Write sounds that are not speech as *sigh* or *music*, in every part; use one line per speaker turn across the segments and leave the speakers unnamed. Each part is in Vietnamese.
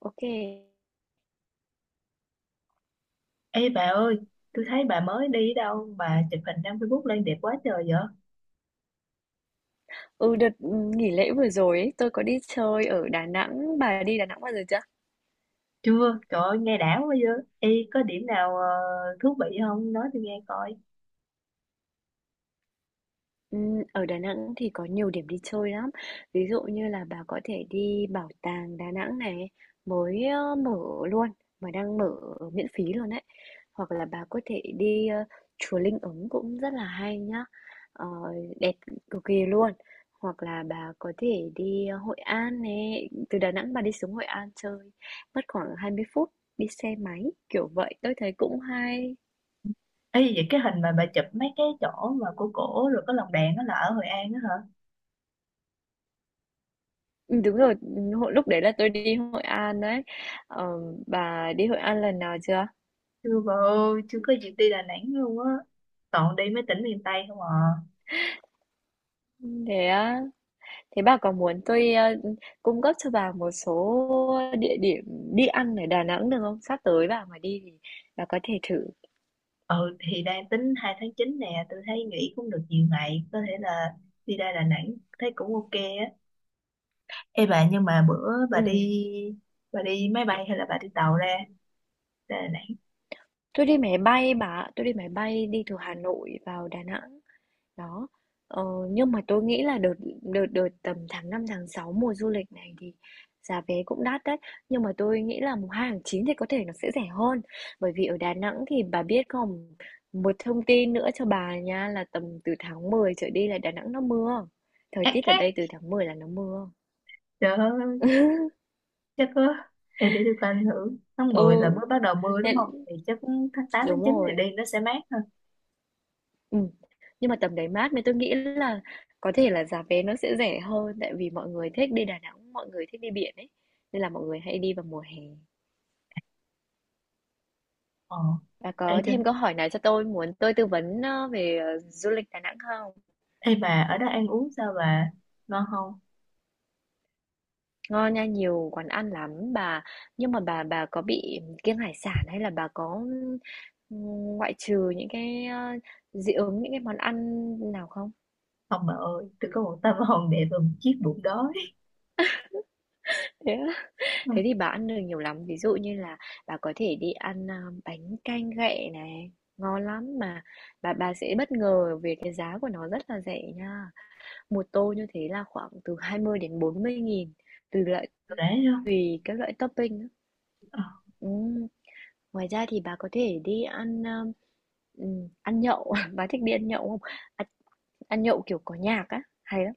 OK.
Ê bà ơi, tôi thấy bà mới đi đâu. Bà chụp hình đăng Facebook lên đẹp quá trời vậy?
Ừ, đợt ừ, nghỉ lễ vừa rồi ấy, tôi có đi chơi ở Đà Nẵng, bà đi Đà Nẵng bao giờ chưa?
Chưa, trời ơi, nghe đã quá vậy. Ê, có điểm nào thú vị không? Nói tôi nghe coi.
Ở Đà Nẵng thì có nhiều điểm đi chơi lắm. Ví dụ như là bà có thể đi Bảo tàng Đà Nẵng này, mới mở luôn, mà đang mở miễn phí luôn đấy. Hoặc là bà có thể đi, chùa Linh Ứng cũng rất là hay nhá, ờ, đẹp cực kỳ luôn. Hoặc là bà có thể đi, Hội An này, từ Đà Nẵng bà đi xuống Hội An chơi mất khoảng 20 phút đi xe máy, kiểu vậy. Tôi thấy cũng hay.
Ê, vậy cái hình mà bà chụp mấy cái chỗ mà cổ cổ rồi có lồng đèn đó là ở Hội An đó hả?
Đúng rồi, hồi lúc đấy là tôi đi Hội An đấy. Ờ, bà đi Hội An lần nào chưa?
Chưa bà ơi, chưa có dịp đi Đà Nẵng luôn á. Toàn đi mấy tỉnh miền Tây không à.
Ừ, thế á, thế bà có muốn tôi, cung cấp cho bà một số địa điểm đi ăn ở Đà Nẵng được không? Sắp tới bà mà đi thì bà có thể thử.
Ừ, thì đang tính 2/9 nè, tôi thấy nghỉ cũng được nhiều ngày. Có thể là đi ra Đà Nẵng, thấy cũng ok á. Ê bà, nhưng mà bữa bà
Ừm,
đi bà đi máy bay hay là bà đi tàu ra Đà Nẵng.
tôi đi máy bay bà ạ, tôi đi máy bay đi từ Hà Nội vào Đà Nẵng. Đó, ờ, nhưng mà tôi nghĩ là đợt đợt đợt tầm tháng 5 tháng 6 mùa du lịch này thì giá vé cũng đắt đấy. Nhưng mà tôi nghĩ là mùng 2 tháng 9 thì có thể nó sẽ rẻ hơn. Bởi vì ở Đà Nẵng thì bà biết không, một thông tin nữa cho bà nha là tầm từ tháng 10 trở đi là Đà Nẵng nó mưa. Thời
Ác
tiết ở
ác,
đây từ tháng 10 là nó mưa.
trời ơi,
*laughs*
chắc có. Ê, để tôi coi ảnh thử, tháng 10 là
Ừ,
mới bắt đầu mưa đúng không,
nên-
thì chắc tháng tám tháng
Đúng
chín thì
rồi.
đi nó sẽ mát hơn
Ừm, nhưng mà tầm đấy mát nên tôi nghĩ là có thể là giá vé nó sẽ rẻ hơn, tại vì mọi người thích đi Đà Nẵng, mọi người thích đi biển ấy, nên là mọi người hay đi vào mùa hè.
ờ
Bà
Ê,
có
tôi...
thêm câu hỏi nào cho tôi, muốn tôi tư vấn, về du lịch Đà Nẵng không?
Ê bà, ở đó ăn uống sao bà, ngon không?
Ngon nha, nhiều quán ăn lắm bà. Nhưng mà bà có bị kiêng hải sản hay là bà có, ừm, ngoại trừ những cái, dị ứng những cái món ăn nào không?
Không bà ơi, tôi có một tâm hồn đẹp và một chiếc bụng đói.
Thế á?
*laughs*
Thế
Ừ,
thì bà ăn được nhiều lắm, ví dụ như là bà có thể đi ăn, bánh canh ghẹ này, ngon lắm mà bà sẽ bất ngờ về cái giá của nó rất là rẻ nha. Một tô như thế là khoảng từ 20 đến 40 nghìn tùy loại,
rẻ không?
tùy các loại topping á.
Ờ.
Ừm, Ngoài ra thì bà có thể đi ăn, ăn nhậu, *laughs* bà thích đi ăn nhậu không? Ăn ăn nhậu, kiểu, có nhạc á, hay lắm.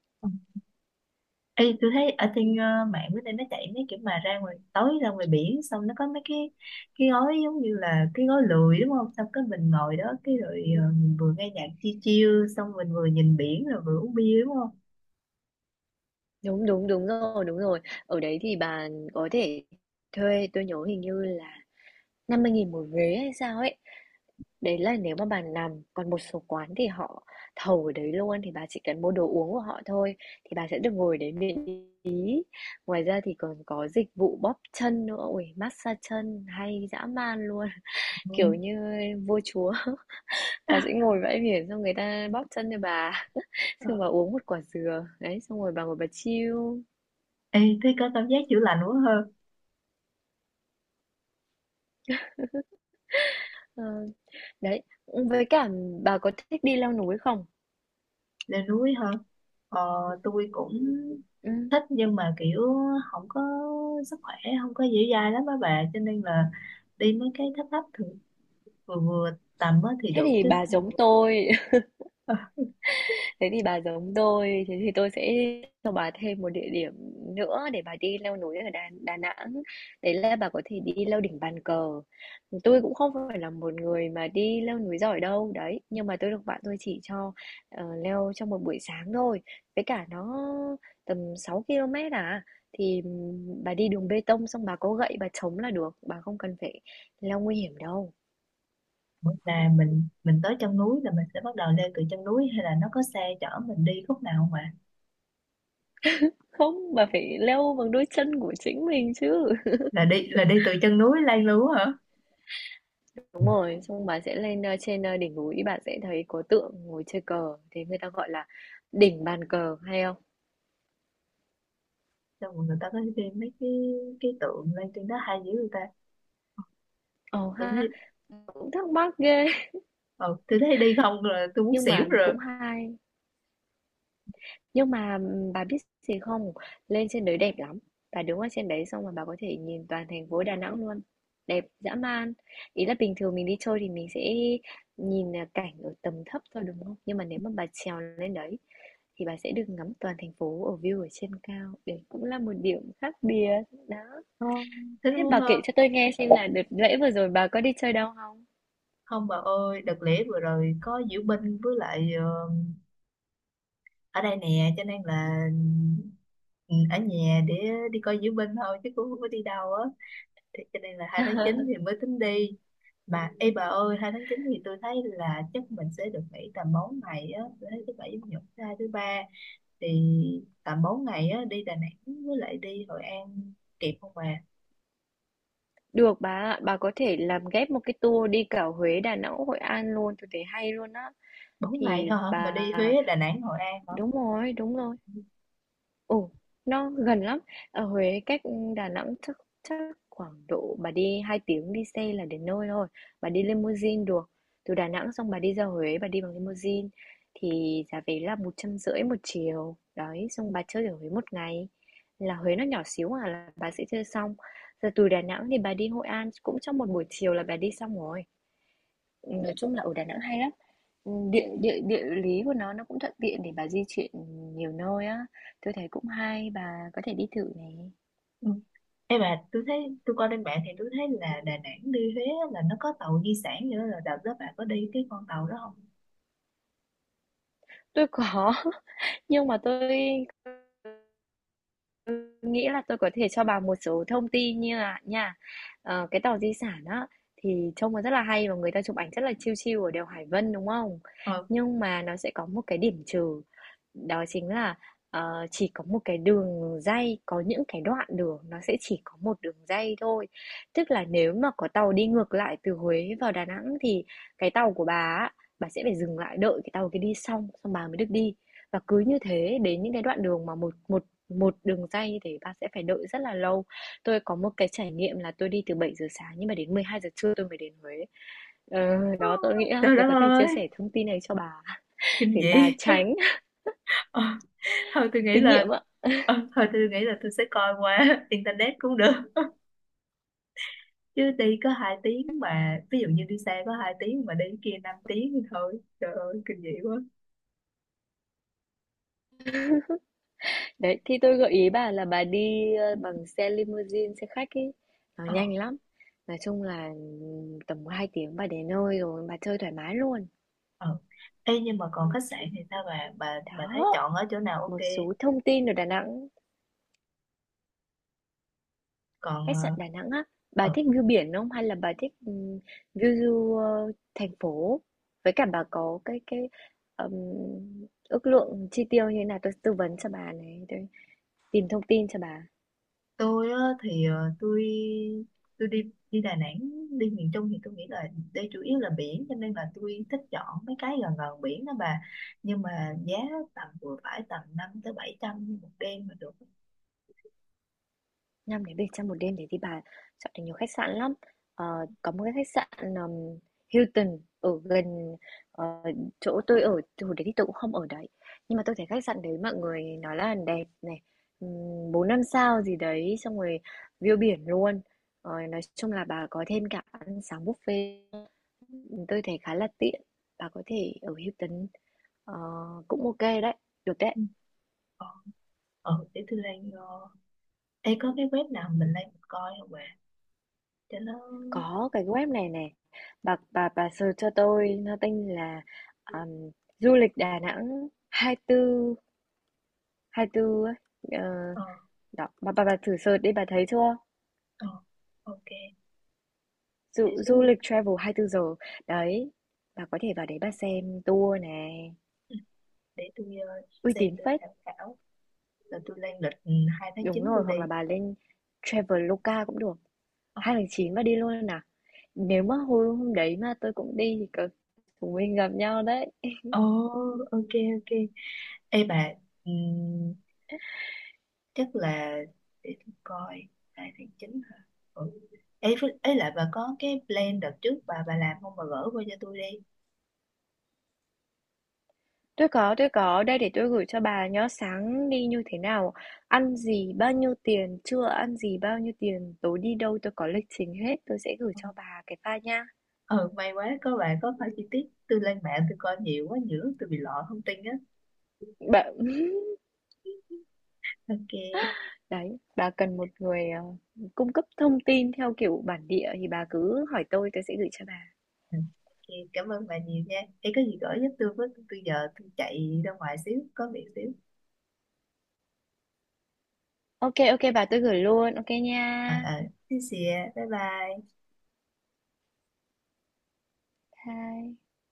Ê, tôi thấy ở trên mạng bữa nay nó chạy mấy kiểu mà ra ngoài, tối ra ngoài biển, xong nó có mấy cái gói giống như là cái gói lười đúng không, xong cái mình ngồi đó cái rồi mình vừa nghe nhạc chill chill xong mình vừa nhìn biển rồi vừa uống bia đúng không?
Đúng, đúng, đúng rồi, đúng rồi. Ở đấy thì bà có thể thuê, tôi nhớ hình như là 50 nghìn một ghế hay sao ấy. Đấy là nếu mà bà nằm, còn một số quán thì họ thầu ở đấy luôn thì bà chỉ cần mua đồ uống của họ thôi thì bà sẽ được ngồi đấy miễn phí. Ngoài ra thì còn có dịch vụ bóp chân nữa, ui massage chân hay dã man luôn, *laughs*
Ừ.
kiểu như vua chúa. *laughs* Bà sẽ ngồi bãi biển xong người ta bóp chân cho bà, *laughs*
Ờ.
xong bà uống một quả dừa, đấy xong rồi bà ngồi bà chill.
Ê, thế có cảm giác chữa lành quá hơn.
Ờ, đấy, với cả bà có thích đi leo núi không?
Lên núi hơn, ờ, tôi cũng
Ừ.
thích, nhưng mà kiểu không có sức khỏe, không có dẻo dai lắm á bà, cho nên là đi mấy cái thấp thấp, thường vừa vừa tầm á thì
Thế
được
thì
chứ.
bà giống tôi Thế thì bà giống tôi, thế thì tôi sẽ cho bà thêm một địa điểm nữa để bà đi leo núi ở Đà Nẵng. Đấy là bà có thể đi leo đỉnh Bàn Cờ. Tôi cũng không phải là một người mà đi leo núi giỏi đâu, đấy. Nhưng mà tôi được bạn tôi chỉ cho leo trong một buổi sáng thôi. Với cả nó tầm 6 km à. Thì bà đi đường bê tông xong bà có gậy bà chống là được. Bà không cần phải leo nguy hiểm đâu.
Là mình tới chân núi là mình sẽ bắt đầu leo từ chân núi, hay là nó có xe chở mình đi khúc nào không ạ?
Không, bà phải leo bằng đôi chân của chính mình chứ.
Là đi từ chân núi lên luôn á hả?
Đúng rồi, xong bạn sẽ lên, trên đỉnh núi, bạn sẽ thấy có tượng ngồi chơi cờ, thế người ta gọi là đỉnh Bàn Cờ, hay không?
Xong rồi người ta có đi mấy cái tượng lên trên đó hay dữ, người ta...
Ờ
tôi
ha,
thấy
cũng thắc mắc ghê, *laughs*
ờ, tôi thấy đi không là tôi muốn
nhưng
xỉu
mà
rồi.
cũng hay. Nhưng mà, bà biết gì không? Lên trên đấy đẹp lắm. Bà đứng ở trên đấy xong mà bà có thể nhìn toàn thành phố Đà Nẵng luôn. Đẹp dã man. Ý là bình thường mình đi chơi thì mình sẽ nhìn à, cảnh ở tầm thấp thôi đúng không? Nhưng mà nếu mà bà trèo lên đấy thì bà sẽ được ngắm toàn thành phố ở view ở trên cao. Đấy cũng là một điểm khác biệt. Đó.
Không, thế nó
Thế
muốn...
bà kể cho tôi nghe xem là đợt lễ vừa rồi bà có đi chơi đâu không?
Không bà ơi, đợt lễ vừa rồi có diễu binh với lại ở đây nè, cho nên là ừ, ở nhà để đi coi diễu binh thôi chứ cũng không có đi đâu á, thì cho nên là 2/9 thì
*laughs*
mới tính đi. Mà ê bà ơi, 2/9 thì tôi thấy là chắc mình sẽ được nghỉ tầm 4 ngày á, tôi thấy thứ bảy chủ nhật thứ hai thứ ba, thì tầm 4 ngày á đi Đà Nẵng với lại đi Hội An kịp không bà?
Được bà ạ, bà có thể làm ghép một cái tour đi cả Huế, Đà Nẵng, Hội An luôn, tôi thấy hay luôn á.
Bốn ngày
Thì
thôi hả mà
bà
đi Huế Đà Nẵng Hội An hả?
Đúng rồi, đúng rồi. Ừ, nó gần lắm. Ở Huế cách Đà Nẵng chắc chắc khoảng độ bà đi 2 tiếng đi xe là đến nơi thôi. Bà đi limousine được. Từ Đà Nẵng xong bà đi ra Huế, bà đi bằng limousine thì giá vé là 150 nghìn một chiều. Đấy, xong bà chơi ở Huế một ngày. Là Huế nó nhỏ xíu à là bà sẽ chơi xong. Giờ từ Đà Nẵng thì bà đi Hội An cũng trong một buổi chiều là bà đi xong rồi. Nói chung là ở Đà Nẵng hay lắm. Ừ, địa địa địa lý của nó cũng thuận tiện để bà di chuyển nhiều nơi á, tôi thấy cũng hay, bà có thể đi thử này.
Ừ. Ê bà, tôi thấy tôi coi trên mạng thì tôi thấy là Đà Nẵng đi Huế á, là nó có tàu di sản nữa, là đợt đó bà có đi cái con tàu đó không?
Tôi có. *laughs* Nhưng mà tôi nghĩ là tôi có thể cho bà một số thông tin như là nha, cái tàu di sản á thì trông nó rất là hay và người ta chụp ảnh rất là chill chill ở đèo Hải Vân đúng không?
Ờ,
Nhưng mà nó sẽ có một cái điểm trừ, đó chính là chỉ có một cái đường ray, có những cái đoạn đường nó sẽ chỉ có một đường ray thôi. Tức là nếu mà có tàu đi ngược lại từ Huế vào Đà Nẵng thì cái tàu của bà á, bà sẽ phải dừng lại đợi cái tàu kia đi xong xong bà mới được đi. Và cứ như thế đến những cái đoạn đường mà một một một đường dây như thế bạn sẽ phải đợi rất là lâu. Tôi có một cái trải nghiệm là tôi đi từ 7 giờ sáng nhưng mà đến 12 giờ trưa tôi mới đến Huế. Ờ, tôi nghĩ là
trời đất
tôi có thể chia
ơi,
sẻ thông tin này cho bà
kinh
để
dị.
bà
*laughs*
tránh *laughs*
Ờ, thôi tôi nghĩ
kinh nghiệm
là
ạ.
ờ, thôi tôi nghĩ là tôi sẽ coi qua *laughs* internet cũng được, chứ đi có 2 tiếng, mà ví dụ như đi xe có 2 tiếng mà đi cái kia 5 tiếng thì thôi, trời ơi, kinh dị quá.
Đấy, thì tôi gợi ý bà là bà đi, bằng xe limousine, xe khách ấy, nó
Ờ.
nhanh lắm. Nói chung là, tầm 2 tiếng bà đến nơi rồi, bà chơi thoải mái luôn.
Ờ. Ê, nhưng mà còn khách sạn thì sao bà, bà thấy
Đó,
chọn ở chỗ nào ok,
một số thông tin ở Đà Nẵng.
còn
Khách sạn Đà Nẵng á, bà
ờ
thích view biển không hay là bà thích, view thành phố? Với cả bà có cái, ừm, ước lượng chi tiêu như thế nào, tôi tư vấn cho bà này, tôi tìm thông tin cho bà.
tôi á, thì tôi đi đi Đà Nẵng, đi miền Trung thì tôi nghĩ là đây chủ yếu là biển, cho nên là tôi thích chọn mấy cái gần gần biển đó bà, nhưng mà giá tầm vừa phải, tầm năm tới bảy trăm một đêm mà được.
5 đến Bỉ trong một đêm thế thì bà chọn được nhiều khách sạn lắm. Ờ, có một cái khách sạn Hilton ở gần ờ, chỗ tôi ở, thì hồi đấy thì tôi cũng không ở đấy. Nhưng mà tôi thấy khách sạn đấy mọi người nói là đẹp này, 4 5 sao gì đấy, xong rồi view biển luôn. Ờ, nói chung là bà có thêm cả ăn sáng buffet. Tôi thấy khá là tiện. Bà có thể ở Hilton ờ, cũng ok đấy, được đấy.
Ừ. ờ, để tôi đang... Ê, có cái web nào mình lên mình coi không bạn? Cho nó...
Có cái web này nè, bà search cho tôi, nó tên là, ờm, du lịch Đà Nẵng hai tư ấy, ờ,
Ờ,
đó, bà thử search đi, bà thấy chưa?
ờ, ok.
Du
Để xíu
Du
nữa,
lịch travel 24 giờ. Đấy, bà có thể vào đấy bà xem tour này,
để tôi
uy
xem
tín
tôi
phết.
tham khảo. Rồi tôi lên lịch 2 tháng
Đúng
chín
rồi,
tôi
hoặc là
đi.
bà lên Traveloka cũng được.
Ờ.
2 tháng 9 bà đi luôn nè. Nếu mà hôm hôm đấy mà tôi cũng đi thì có chúng mình gặp nhau đấy.
Ồ, ok, ok. Ê bà, ừm, chắc là để tôi coi 2/9 hả? Ừ. Ê, ấy lại bà có cái plan đợt trước bà làm không, bà gửi qua cho tôi đi.
Tôi có, tôi có. Đây để tôi gửi cho bà nhá. Sáng đi như thế nào, ăn gì, bao nhiêu tiền, trưa ăn gì, bao nhiêu tiền, tối đi đâu, tôi có lịch trình hết. Tôi sẽ gửi
Ừ.
cho bà cái file nha.
Ừ, may quá có bà có phải chi tiết. Tôi lên mạng tôi coi nhiều quá, nhiều lúc tôi bị lọ thông tin á.
Bà... *laughs*
Ok.
Đấy, bà cần một người cung cấp thông tin theo kiểu bản địa thì bà cứ hỏi tôi sẽ gửi cho bà.
Ừ. Ok, cảm ơn bà nhiều nha. Em có gì gửi giúp tôi với, tôi giờ tôi chạy ra ngoài xíu, có việc xíu.
Ok, ok bà, tôi gửi luôn. Ok
À,
nha.
à, xin bye bye.
Bye.